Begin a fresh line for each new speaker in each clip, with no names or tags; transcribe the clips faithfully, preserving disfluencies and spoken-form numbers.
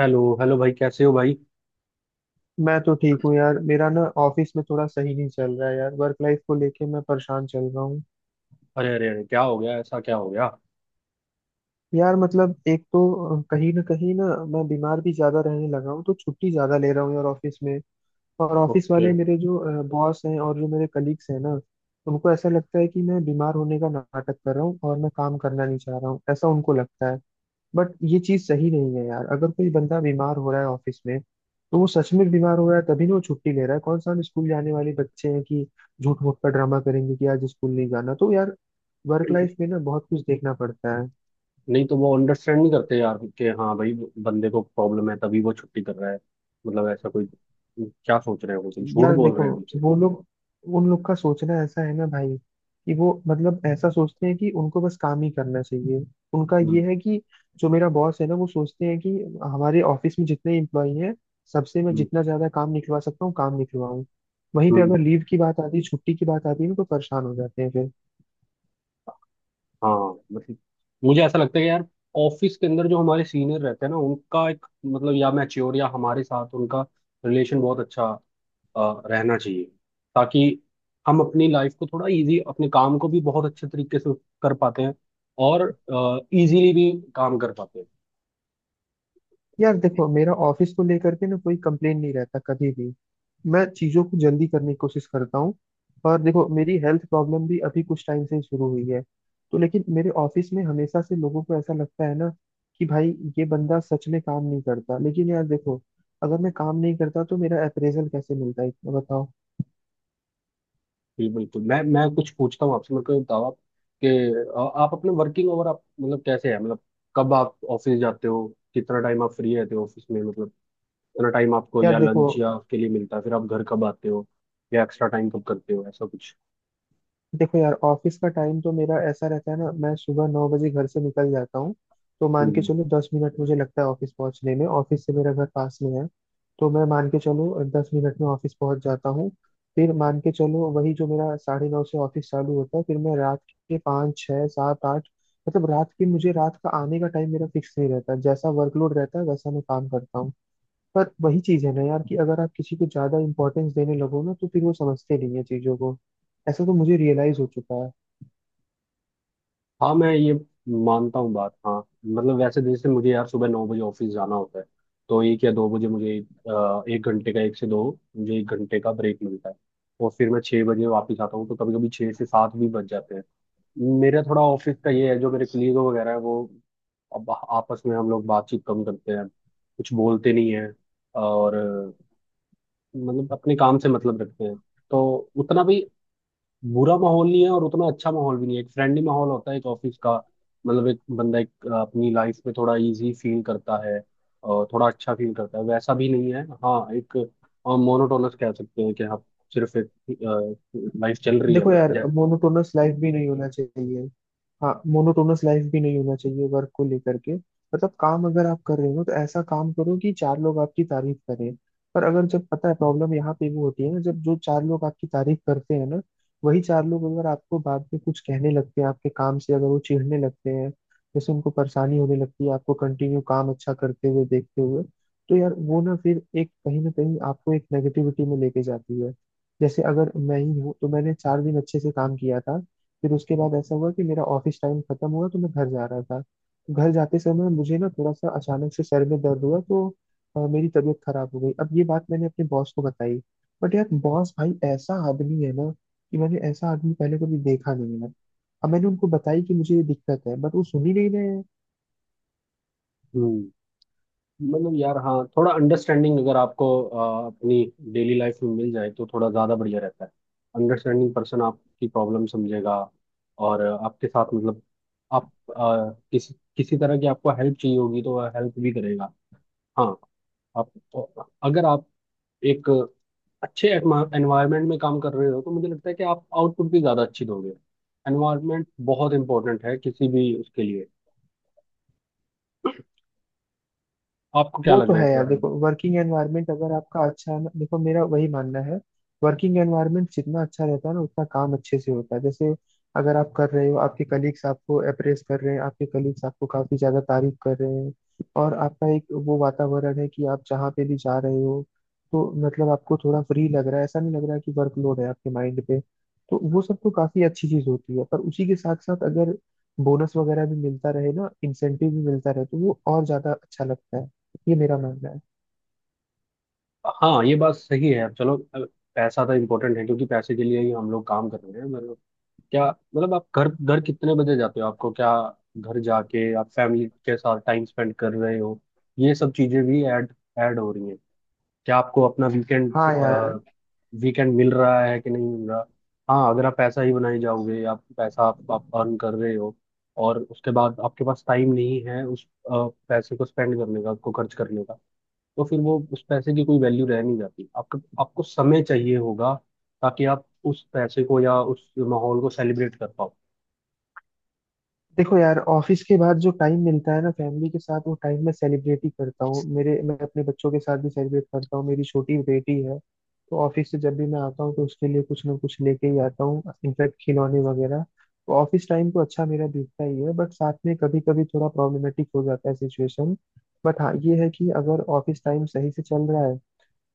Hello hello भाई, कैसे हो भाई?
मैं तो ठीक हूँ यार। मेरा ना ऑफिस में थोड़ा सही नहीं चल रहा है यार। वर्क लाइफ को लेके मैं परेशान चल रहा हूँ।
अरे अरे अरे, क्या हो गया? ऐसा क्या हो गया?
यार मतलब एक तो अ, कहीं ना कहीं ना मैं बीमार भी ज्यादा रहने लगा हूँ तो छुट्टी ज्यादा ले रहा हूँ यार ऑफिस में। और ऑफिस
ओके।
वाले मेरे जो बॉस हैं और जो मेरे कलीग्स हैं ना, उनको ऐसा लगता है कि मैं बीमार होने का नाटक कर रहा हूँ और मैं काम करना नहीं चाह रहा हूँ, ऐसा उनको लगता है। बट ये चीज सही नहीं है यार। अगर कोई बंदा बीमार हो रहा है ऑफिस में तो वो सच में बीमार हो रहा है, तभी ना वो छुट्टी ले रहा है। कौन सा हम स्कूल जाने वाले बच्चे हैं कि झूठ मूठ का ड्रामा करेंगे कि आज स्कूल नहीं जाना। तो यार वर्क लाइफ में ना बहुत कुछ देखना पड़ता है।
नहीं तो वो अंडरस्टैंड नहीं करते यार, कि हाँ भाई, बंदे को प्रॉब्लम है तभी वो छुट्टी कर रहा है। मतलब ऐसा कोई। क्या सोच रहे हो, तुम झूठ
यार
बोल
देखो
रहे हो हमसे?
वो लोग, उन लोग का सोचना ऐसा है ना भाई, कि वो मतलब ऐसा सोचते हैं कि उनको बस काम ही करना चाहिए। उनका
हम्म,
ये है कि जो मेरा बॉस है ना, वो सोचते हैं कि हमारे ऑफिस में जितने एम्प्लॉई हैं, सबसे मैं
हम्म,
जितना ज्यादा काम निकलवा सकता हूँ काम निकलवाऊँ। वहीं पे
हम्म।
अगर लीव की बात आती है, छुट्टी की बात आती है ना तो परेशान हो जाते हैं।
हाँ, मतलब, मुझे ऐसा लगता है कि यार, ऑफिस के अंदर जो हमारे सीनियर रहते हैं ना, उनका एक मतलब या मैच्योर या हमारे साथ उनका रिलेशन बहुत अच्छा अ, रहना चाहिए। ताकि हम अपनी लाइफ को थोड़ा इजी, अपने काम को भी बहुत अच्छे तरीके से कर पाते हैं, और इजीली भी काम कर पाते हैं।
यार देखो, मेरा ऑफिस को लेकर के ना कोई कंप्लेन नहीं रहता कभी भी। मैं चीजों को जल्दी करने की कोशिश करता हूँ। और देखो मेरी हेल्थ प्रॉब्लम भी अभी कुछ टाइम से ही शुरू हुई है। तो लेकिन मेरे ऑफिस में हमेशा से लोगों को ऐसा लगता है ना कि भाई ये बंदा सच में काम नहीं करता। लेकिन यार देखो, अगर मैं काम नहीं करता तो मेरा अप्रेजल कैसे मिलता है इतना बताओ।
जी बिल्कुल, मैं मैं कुछ पूछता हूँ आपसे, मेरे को ये बताओ आप कि अ, आप अपने वर्किंग आवर, आप मतलब कैसे है, मतलब कब आप ऑफिस जाते हो, कितना टाइम आप फ्री रहते हो ऑफिस में, मतलब कितना टाइम आपको
यार
या
देखो
लंच या आपके लिए मिलता है, फिर आप घर कब आते हो या एक्स्ट्रा टाइम कब करते हो, ऐसा कुछ।
देखो यार, ऑफिस का टाइम तो मेरा ऐसा रहता है ना, मैं सुबह नौ बजे घर से निकल जाता हूँ। तो मान के
हम्म।
चलो दस मिनट मुझे लगता है ऑफिस पहुँचने में, ऑफिस से मेरा घर पास में है। तो मैं मान के चलो दस मिनट में ऑफिस पहुँच जाता हूँ। फिर मान के चलो वही जो मेरा साढ़े नौ से ऑफिस चालू होता है, फिर मैं रात के पाँच छः सात आठ, मतलब रात के, मुझे रात का आने का टाइम मेरा फिक्स नहीं रहता। जैसा वर्कलोड रहता है वैसा मैं काम करता हूँ। पर वही चीज है ना यार, कि अगर आप किसी को ज्यादा इंपॉर्टेंस देने लगो ना तो फिर वो समझते नहीं है चीजों को, ऐसा तो मुझे रियलाइज हो चुका है।
हाँ, मैं ये मानता हूँ बात, हाँ। मतलब, वैसे जैसे मुझे यार सुबह नौ बजे ऑफिस जाना होता है। तो एक या दो बजे मुझे अ, एक घंटे का, एक से दो, मुझे एक घंटे का ब्रेक मिलता है। और फिर मैं छः बजे वापस आता हूँ, तो कभी कभी छः से सात भी बज जाते हैं। मेरा थोड़ा ऑफिस का ये है, जो मेरे कलीग वगैरह है, वो अब आपस में हम लोग बातचीत कम करते हैं। कुछ बोलते नहीं हैं, और अ, मतलब अपने काम से मतलब रखते हैं। तो उतना भी बुरा माहौल नहीं है, और उतना अच्छा माहौल भी नहीं है, एक फ्रेंडली माहौल होता है एक ऑफिस का। मतलब एक बंदा एक अ, अपनी लाइफ में थोड़ा इजी फील करता है और थोड़ा अच्छा फील करता है, वैसा भी नहीं है। हाँ, एक मोनोटोनस कह सकते हैं कि हाँ, सिर्फ एक लाइफ चल रही है
देखो
बस,
यार
जय।
मोनोटोनस लाइफ भी नहीं होना चाहिए। हाँ, मोनोटोनस लाइफ भी नहीं होना चाहिए वर्क को लेकर के। मतलब काम अगर आप कर रहे हो तो ऐसा काम करो कि चार लोग आपकी तारीफ करें। पर अगर, जब पता है प्रॉब्लम यहाँ पे वो होती है ना, जब जो चार लोग आपकी तारीफ करते हैं ना, वही चार लोग अगर आपको बाद में कुछ कहने लगते हैं आपके काम से, अगर वो चिढ़ने लगते हैं, जैसे उनको परेशानी होने लगती है आपको कंटिन्यू काम अच्छा करते हुए देखते हुए, तो यार वो ना फिर एक कहीं ना कहीं आपको एक नेगेटिविटी में लेके जाती है। जैसे अगर मैं ही हूँ, तो मैंने चार दिन अच्छे से काम किया था। फिर उसके बाद ऐसा हुआ कि मेरा ऑफिस टाइम खत्म हुआ तो मैं घर जा रहा था। घर जाते समय मुझे ना थोड़ा सा अचानक से सर में दर्द हुआ तो अ, मेरी तबीयत खराब हो गई। अब ये बात मैंने अपने बॉस को बताई, बट यार बॉस भाई ऐसा आदमी है ना कि मैंने ऐसा आदमी पहले कभी देखा नहीं है। अब मैंने उनको बताई कि मुझे ये दिक्कत है बट वो सुन ही नहीं रहे हैं।
हम्म मतलब यार, हाँ, थोड़ा अंडरस्टैंडिंग अगर आपको अ, अपनी डेली लाइफ में मिल जाए तो थोड़ा ज़्यादा बढ़िया रहता है। अंडरस्टैंडिंग पर्सन आपकी प्रॉब्लम समझेगा, और अ, आपके साथ मतलब आप अ, किसी किसी तरह की आपको हेल्प चाहिए होगी तो वह हेल्प भी करेगा। हाँ, आप, अगर आप एक अच्छे एनवायरनमेंट में काम कर रहे हो तो मुझे लगता है कि आप आउटपुट भी ज़्यादा अच्छी दोगे। एनवायरनमेंट बहुत इंपॉर्टेंट है किसी भी उसके लिए, आपको क्या
वो
लग
तो
रहा है
है
इस
यार।
बारे में?
देखो वर्किंग एनवायरनमेंट अगर आपका अच्छा है ना, देखो मेरा वही मानना है, वर्किंग एनवायरनमेंट जितना अच्छा रहता है ना उतना काम अच्छे से होता है। जैसे अगर आप कर रहे हो, आपके कलीग्स आपको अप्रेस कर रहे हैं, आपके कलीग्स आपको काफी ज्यादा तारीफ कर रहे हैं, और आपका एक वो वातावरण है कि आप जहाँ पे भी जा रहे हो, तो मतलब आपको थोड़ा फ्री लग रहा है, ऐसा नहीं लग रहा है कि वर्कलोड है आपके माइंड पे, तो वो सब तो काफी अच्छी चीज होती है। पर उसी के साथ साथ अगर बोनस वगैरह भी मिलता रहे ना, इंसेंटिव भी मिलता रहे, तो वो और ज्यादा अच्छा लगता है, ये मेरा मानना है।
हाँ, ये बात सही है। अब चलो, अब पैसा तो इम्पोर्टेंट है क्योंकि पैसे के लिए ही हम लोग काम कर रहे हैं, मतलब। क्या मतलब, आप घर घर कितने बजे जाते हो, आपको क्या, घर जाके आप फैमिली के साथ टाइम स्पेंड कर रहे हो? ये सब चीजें भी ऐड ऐड हो रही हैं। क्या आपको अपना वीकेंड
हाँ और यार
वीकेंड मिल रहा है कि नहीं मिल रहा? हाँ, अगर आप पैसा ही बनाए जाओगे, आप पैसा, आप, आप अर्न कर रहे हो, और उसके बाद आपके पास टाइम नहीं है उस अ, पैसे को स्पेंड करने का, उसको खर्च करने का, तो फिर वो उस पैसे की कोई वैल्यू रह नहीं जाती, आपको आपको समय चाहिए होगा, ताकि आप उस पैसे को या उस माहौल को सेलिब्रेट कर पाओ।
देखो यार, ऑफिस के बाद जो टाइम मिलता है ना फैमिली के साथ, वो टाइम मैं सेलिब्रेट ही करता हूँ। मेरे, मैं अपने बच्चों के साथ भी सेलिब्रेट करता हूँ, मेरी छोटी बेटी है। तो ऑफिस से जब भी मैं आता हूँ तो उसके लिए कुछ ना कुछ लेके ही आता हूँ, इनफैक्ट खिलौने वगैरह। तो ऑफिस टाइम तो अच्छा मेरा बीतता ही है, बट साथ में कभी कभी थोड़ा प्रॉब्लमेटिक हो जाता है सिचुएशन। बट हाँ ये है कि अगर ऑफिस टाइम सही से चल रहा है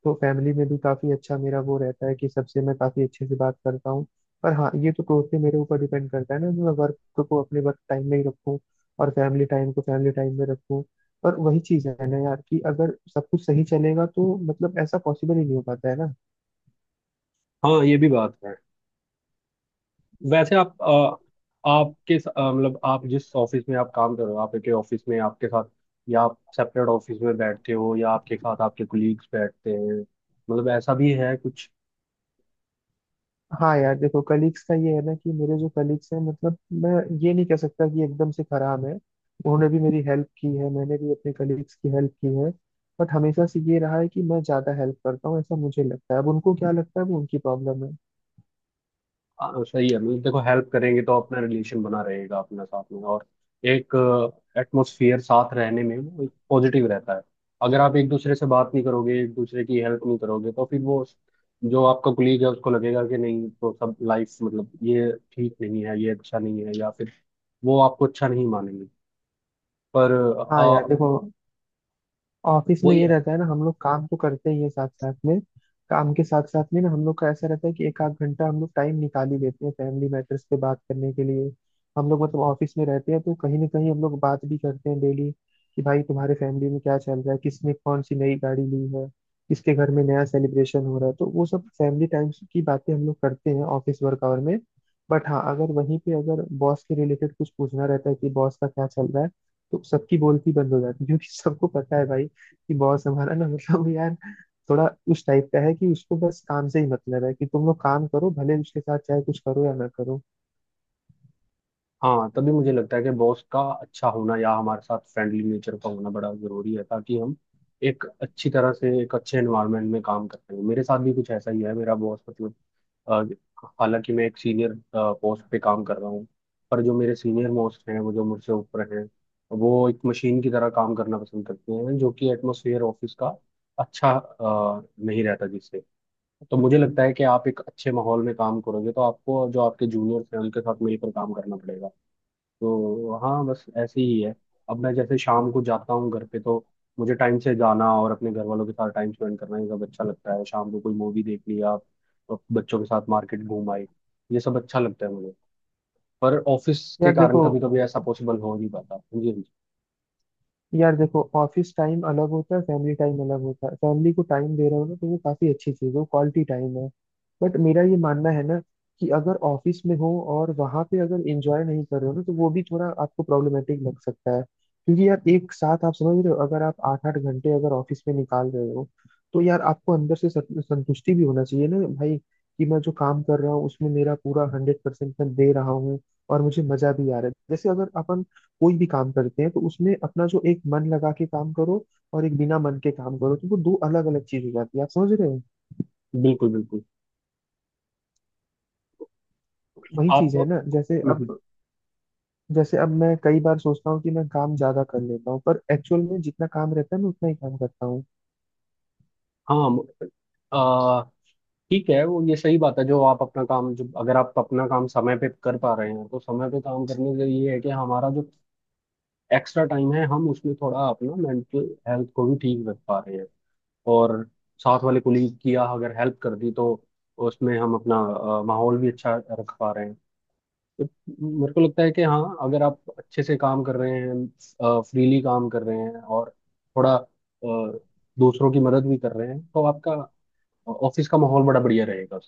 तो फैमिली में भी काफी अच्छा मेरा वो रहता है कि सबसे मैं काफी अच्छे से बात करता हूँ। पर हाँ ये तो टोटली मेरे ऊपर डिपेंड करता है ना, कि मैं वर्क को अपने वर्क टाइम में ही रखूँ और फैमिली टाइम को फैमिली टाइम में रखूँ। पर वही चीज है ना यार, कि अगर सब कुछ सही चलेगा, तो मतलब ऐसा पॉसिबल ही नहीं हो पाता है ना।
हाँ, ये भी बात है। वैसे आप अ, आपके स- अ, मतलब आप जिस ऑफिस में आप काम कर रहे हो, आप एक ऑफिस में आपके साथ, या आप सेपरेट ऑफिस में बैठते हो, या आपके साथ आपके कुलीग्स बैठते हैं, मतलब ऐसा भी है कुछ?
हाँ यार देखो, कलीग्स का ये है ना, कि मेरे जो कलीग्स हैं, मतलब मैं ये नहीं कह सकता कि एकदम से खराब है। उन्होंने भी मेरी हेल्प की है, मैंने भी अपने कलीग्स की हेल्प की है। बट हमेशा से ये रहा है कि मैं ज्यादा हेल्प करता हूँ, ऐसा मुझे लगता है। अब उनको क्या लगता है वो उनकी प्रॉब्लम है।
हाँ, तो सही है। मतलब देखो, हेल्प करेंगे तो अपना रिलेशन बना रहेगा अपना, साथ में और एक एटमोसफियर, साथ रहने में वो एक पॉजिटिव रहता है। अगर आप एक दूसरे से बात नहीं करोगे, एक दूसरे की हेल्प नहीं करोगे, तो फिर वो जो आपका कुलीग है, उसको लगेगा कि नहीं, तो सब लाइफ, मतलब ये ठीक नहीं है, ये अच्छा नहीं है, या फिर वो आपको अच्छा नहीं मानेंगे। पर
हाँ यार
आ,
देखो, ऑफिस में
वही।
ये रहता है ना, हम लोग काम तो करते ही है साथ साथ में। काम के साथ साथ में ना हम लोग का ऐसा रहता है कि एक आध घंटा हम लोग टाइम निकाल ही देते हैं फैमिली मैटर्स पे बात करने के लिए। हम लोग मतलब ऑफिस में रहते हैं तो कहीं ना कहीं हम लोग बात भी करते हैं डेली, कि भाई तुम्हारे फैमिली में क्या चल रहा है, किसने कौन सी नई गाड़ी ली है, किसके घर में नया सेलिब्रेशन हो रहा है। तो वो सब फैमिली टाइम की बातें हम लोग करते हैं ऑफिस वर्क आवर में। बट हाँ, अगर वहीं पे अगर बॉस के रिलेटेड कुछ पूछना रहता है कि बॉस का क्या चल रहा है, तो सबकी बोलती बंद हो जाती है, क्योंकि सबको पता है भाई कि बॉस हमारा ना मतलब यार थोड़ा उस टाइप का है कि उसको बस काम से ही मतलब है, कि तुम लोग काम करो, भले उसके साथ चाहे कुछ करो या ना करो।
हाँ, तभी मुझे लगता है कि बॉस का अच्छा होना या हमारे साथ फ्रेंडली नेचर का होना बड़ा जरूरी है, ताकि हम एक अच्छी तरह से, एक अच्छे एनवायरनमेंट में काम कर सकें। मेरे साथ भी कुछ ऐसा ही है, मेरा बॉस मतलब, अ, हालांकि मैं एक सीनियर पोस्ट पे काम कर रहा हूँ, पर जो मेरे सीनियर मोस्ट हैं, वो जो मुझसे ऊपर हैं, वो एक मशीन की तरह काम करना पसंद करते हैं, जो कि एटमोसफियर ऑफिस का अच्छा अ, नहीं रहता, जिससे। तो मुझे लगता है कि आप एक अच्छे माहौल में काम करोगे, तो आपको जो आपके जूनियर्स हैं उनके साथ मिलकर काम करना पड़ेगा। तो हाँ, बस ऐसे ही है। अब मैं जैसे शाम को जाता हूँ घर पे, तो मुझे टाइम से जाना और अपने घर वालों के साथ टाइम स्पेंड करना, ये सब अच्छा लगता है। शाम को कोई मूवी देख ली आप, तो बच्चों के साथ मार्केट घूम आए, ये सब अच्छा लगता है मुझे। पर ऑफिस के
यार
कारण
देखो
कभी कभी ऐसा पॉसिबल हो नहीं पाता। जी, जी।
यार देखो, ऑफिस टाइम अलग होता है फैमिली टाइम अलग होता है। फैमिली को टाइम दे रहे हो ना, तो वो काफी अच्छी चीज है, क्वालिटी टाइम है। बट मेरा ये मानना है ना, कि अगर ऑफिस में हो और वहां पे अगर एंजॉय नहीं कर रहे हो ना, तो वो भी थोड़ा आपको प्रॉब्लमेटिक लग सकता है, क्योंकि यार एक साथ, आप समझ रहे हो, अगर आप आठ आठ घंटे अगर ऑफिस में निकाल रहे हो, तो यार आपको अंदर से सं- संतुष्टि भी होना चाहिए ना भाई, कि मैं जो काम कर रहा हूँ उसमें मेरा पूरा हंड्रेड परसेंट मैं दे रहा हूँ और मुझे मजा भी आ रहा है। जैसे अगर अपन कोई भी काम करते हैं तो उसमें अपना, जो एक मन लगा के काम करो और एक बिना मन के काम करो, तो वो दो अलग अलग चीज हो जाती है, आप समझ रहे हो।
बिल्कुल बिल्कुल। तो
वही
आप,
चीज है ना, जैसे
हम्म, हम्म,
अब जैसे अब मैं कई बार सोचता हूँ कि मैं काम ज्यादा कर लेता हूँ, पर एक्चुअल में जितना काम रहता है मैं उतना ही काम करता हूँ।
हाँ, म- आ, ठीक है वो, ये सही बात है जो आप अपना काम, जो अगर आप अपना काम समय पे कर पा रहे हैं, तो समय पे काम करने से ये है कि हमारा जो एक्स्ट्रा टाइम है, हम उसमें थोड़ा अपना मेंटल हेल्थ को भी ठीक रख पा रहे हैं, और साथ वाले कोलीग की या अगर हेल्प कर दी, तो उसमें हम अपना अ, माहौल भी अच्छा रख पा रहे हैं। तो मेरे को लगता है कि हाँ, अगर आप अच्छे से काम कर रहे हैं, फ्रीली काम कर रहे हैं और थोड़ा अ, दूसरों की मदद भी कर रहे हैं, तो आपका ऑफिस का माहौल बड़ा बढ़िया रहेगा।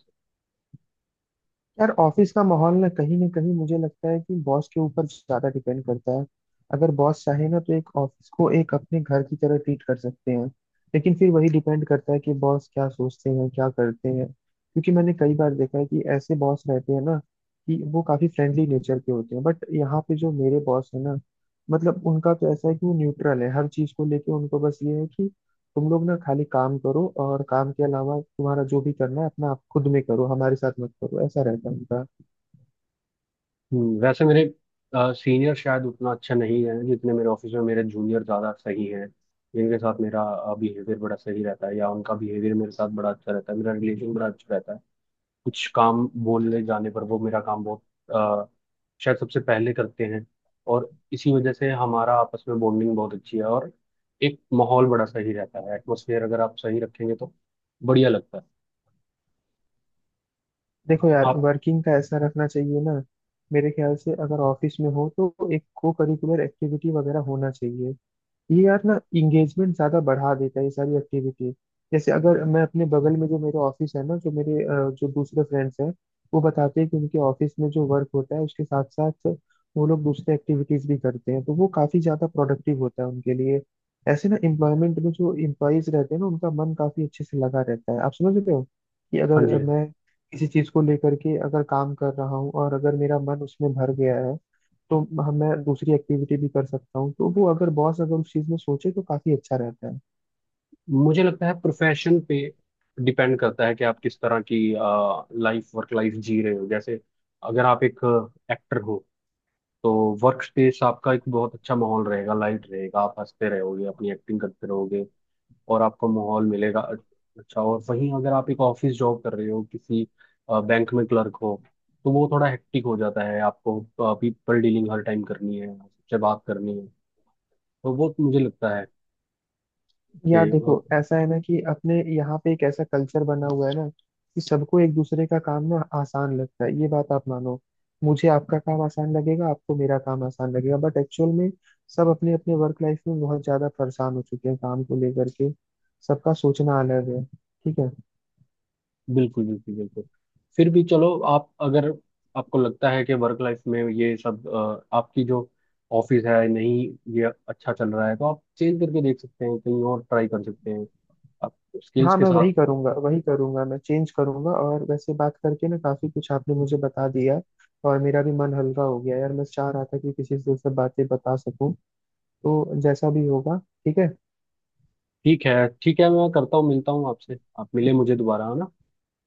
यार ऑफिस का माहौल ना, कहीं ना कहीं मुझे लगता है कि बॉस के ऊपर ज्यादा डिपेंड करता है। अगर बॉस चाहे ना, तो एक ऑफिस को एक अपने घर की तरह ट्रीट कर सकते हैं। लेकिन फिर वही डिपेंड करता है कि बॉस क्या सोचते हैं क्या करते हैं, क्योंकि मैंने कई बार देखा है कि ऐसे बॉस रहते हैं ना कि वो काफी फ्रेंडली नेचर के होते हैं। बट यहाँ पे जो मेरे बॉस है ना, मतलब उनका तो ऐसा है कि वो न्यूट्रल है हर चीज को लेके। उनको बस ये है कि तुम लोग ना खाली काम करो, और काम के अलावा तुम्हारा जो भी करना है अपना आप खुद में करो, हमारे साथ मत करो, ऐसा रहता है उनका।
हम्म, वैसे मेरे सीनियर शायद उतना अच्छा नहीं है, जितने मेरे ऑफिस में मेरे जूनियर ज़्यादा सही हैं, जिनके साथ मेरा बिहेवियर बड़ा सही रहता है, या उनका बिहेवियर मेरे साथ बड़ा अच्छा रहता है, मेरा रिलेशन बड़ा अच्छा रहता है। कुछ काम बोलने जाने पर वो मेरा काम बहुत अ, शायद सबसे पहले करते हैं, और इसी वजह से हमारा आपस में बॉन्डिंग बहुत अच्छी है, और एक माहौल बड़ा सही रहता है। एटमोसफियर अगर आप सही रखेंगे तो बढ़िया लगता है।
देखो यार
आप,
वर्किंग का ऐसा रखना चाहिए ना, मेरे ख्याल से अगर ऑफिस में हो तो एक को करिकुलर एक्टिविटी वगैरह होना चाहिए। ये यार ना इंगेजमेंट ज्यादा बढ़ा देता है ये सारी एक्टिविटी। जैसे अगर मैं अपने बगल में जो मेरे ऑफिस है ना, जो मेरे अ, जो दूसरे फ्रेंड्स हैं, वो बताते हैं कि उनके ऑफिस में जो वर्क होता है उसके साथ साथ वो लोग दूसरे एक्टिविटीज भी करते हैं, तो वो काफी ज्यादा प्रोडक्टिव होता है उनके लिए। ऐसे ना एम्प्लॉयमेंट में जो एम्प्लॉयज रहते हैं ना, उनका मन काफी अच्छे से लगा रहता है, आप समझ रहे हो, कि
हाँ
अगर
जी।
मैं किसी चीज को लेकर के अगर काम कर रहा हूँ और अगर मेरा मन उसमें भर गया है, तो हम- मैं दूसरी एक्टिविटी भी कर सकता हूँ, तो वो अगर बॉस अगर उस चीज में सोचे तो काफी अच्छा रहता है।
मुझे लगता है प्रोफेशन पे डिपेंड करता है कि आप किस तरह की लाइफ, वर्क लाइफ जी रहे हो, जैसे अगर आप एक एक्टर हो, तो वर्क स्पेस आपका एक बहुत अच्छा माहौल रहेगा, लाइट रहेगा, आप हंसते रहोगे अपनी एक्टिंग करते रहोगे, और आपको माहौल मिलेगा अच्छा। और वहीं अगर आप एक ऑफिस जॉब कर रहे हो, किसी बैंक में क्लर्क हो, तो वो थोड़ा हेक्टिक हो जाता है, आपको पीपल डीलिंग हर टाइम करनी है, सबसे बात करनी है, तो वो मुझे लगता है।
यार देखो ऐसा है ना, कि अपने यहाँ पे एक ऐसा कल्चर बना हुआ है ना, कि सबको एक दूसरे का काम ना आसान लगता है, ये बात आप मानो। मुझे आपका काम आसान लगेगा, आपको मेरा काम आसान लगेगा, बट एक्चुअल में सब अपने अपने वर्क लाइफ में बहुत ज्यादा परेशान हो चुके हैं काम को लेकर के। सबका सोचना अलग है, ठीक है।
बिल्कुल बिल्कुल बिल्कुल। फिर भी चलो, आप, अगर आपको लगता है कि वर्क लाइफ में ये सब अ, आपकी जो ऑफिस है नहीं, ये अच्छा चल रहा है, तो आप चेंज करके देख सकते हैं, कहीं और ट्राई कर सकते हैं आप, स्किल्स
हाँ
के
मैं
साथ।
वही करूंगा, वही करूंगा मैं, चेंज करूंगा। और वैसे बात करके ना काफी कुछ आपने मुझे बता दिया, और मेरा भी मन हल्का हो गया यार। मैं चाह रहा था कि किसी से सब बातें बता सकूं, तो जैसा भी होगा, ठीक है।
ठीक है, ठीक है। मैं करता हूँ, मिलता हूँ आपसे, आप मिले मुझे दोबारा, है ना?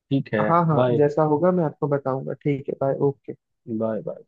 ठीक है।
हाँ हाँ,
बाय,
जैसा होगा मैं आपको बताऊंगा, ठीक है। बाय। ओके।
Bye, bye.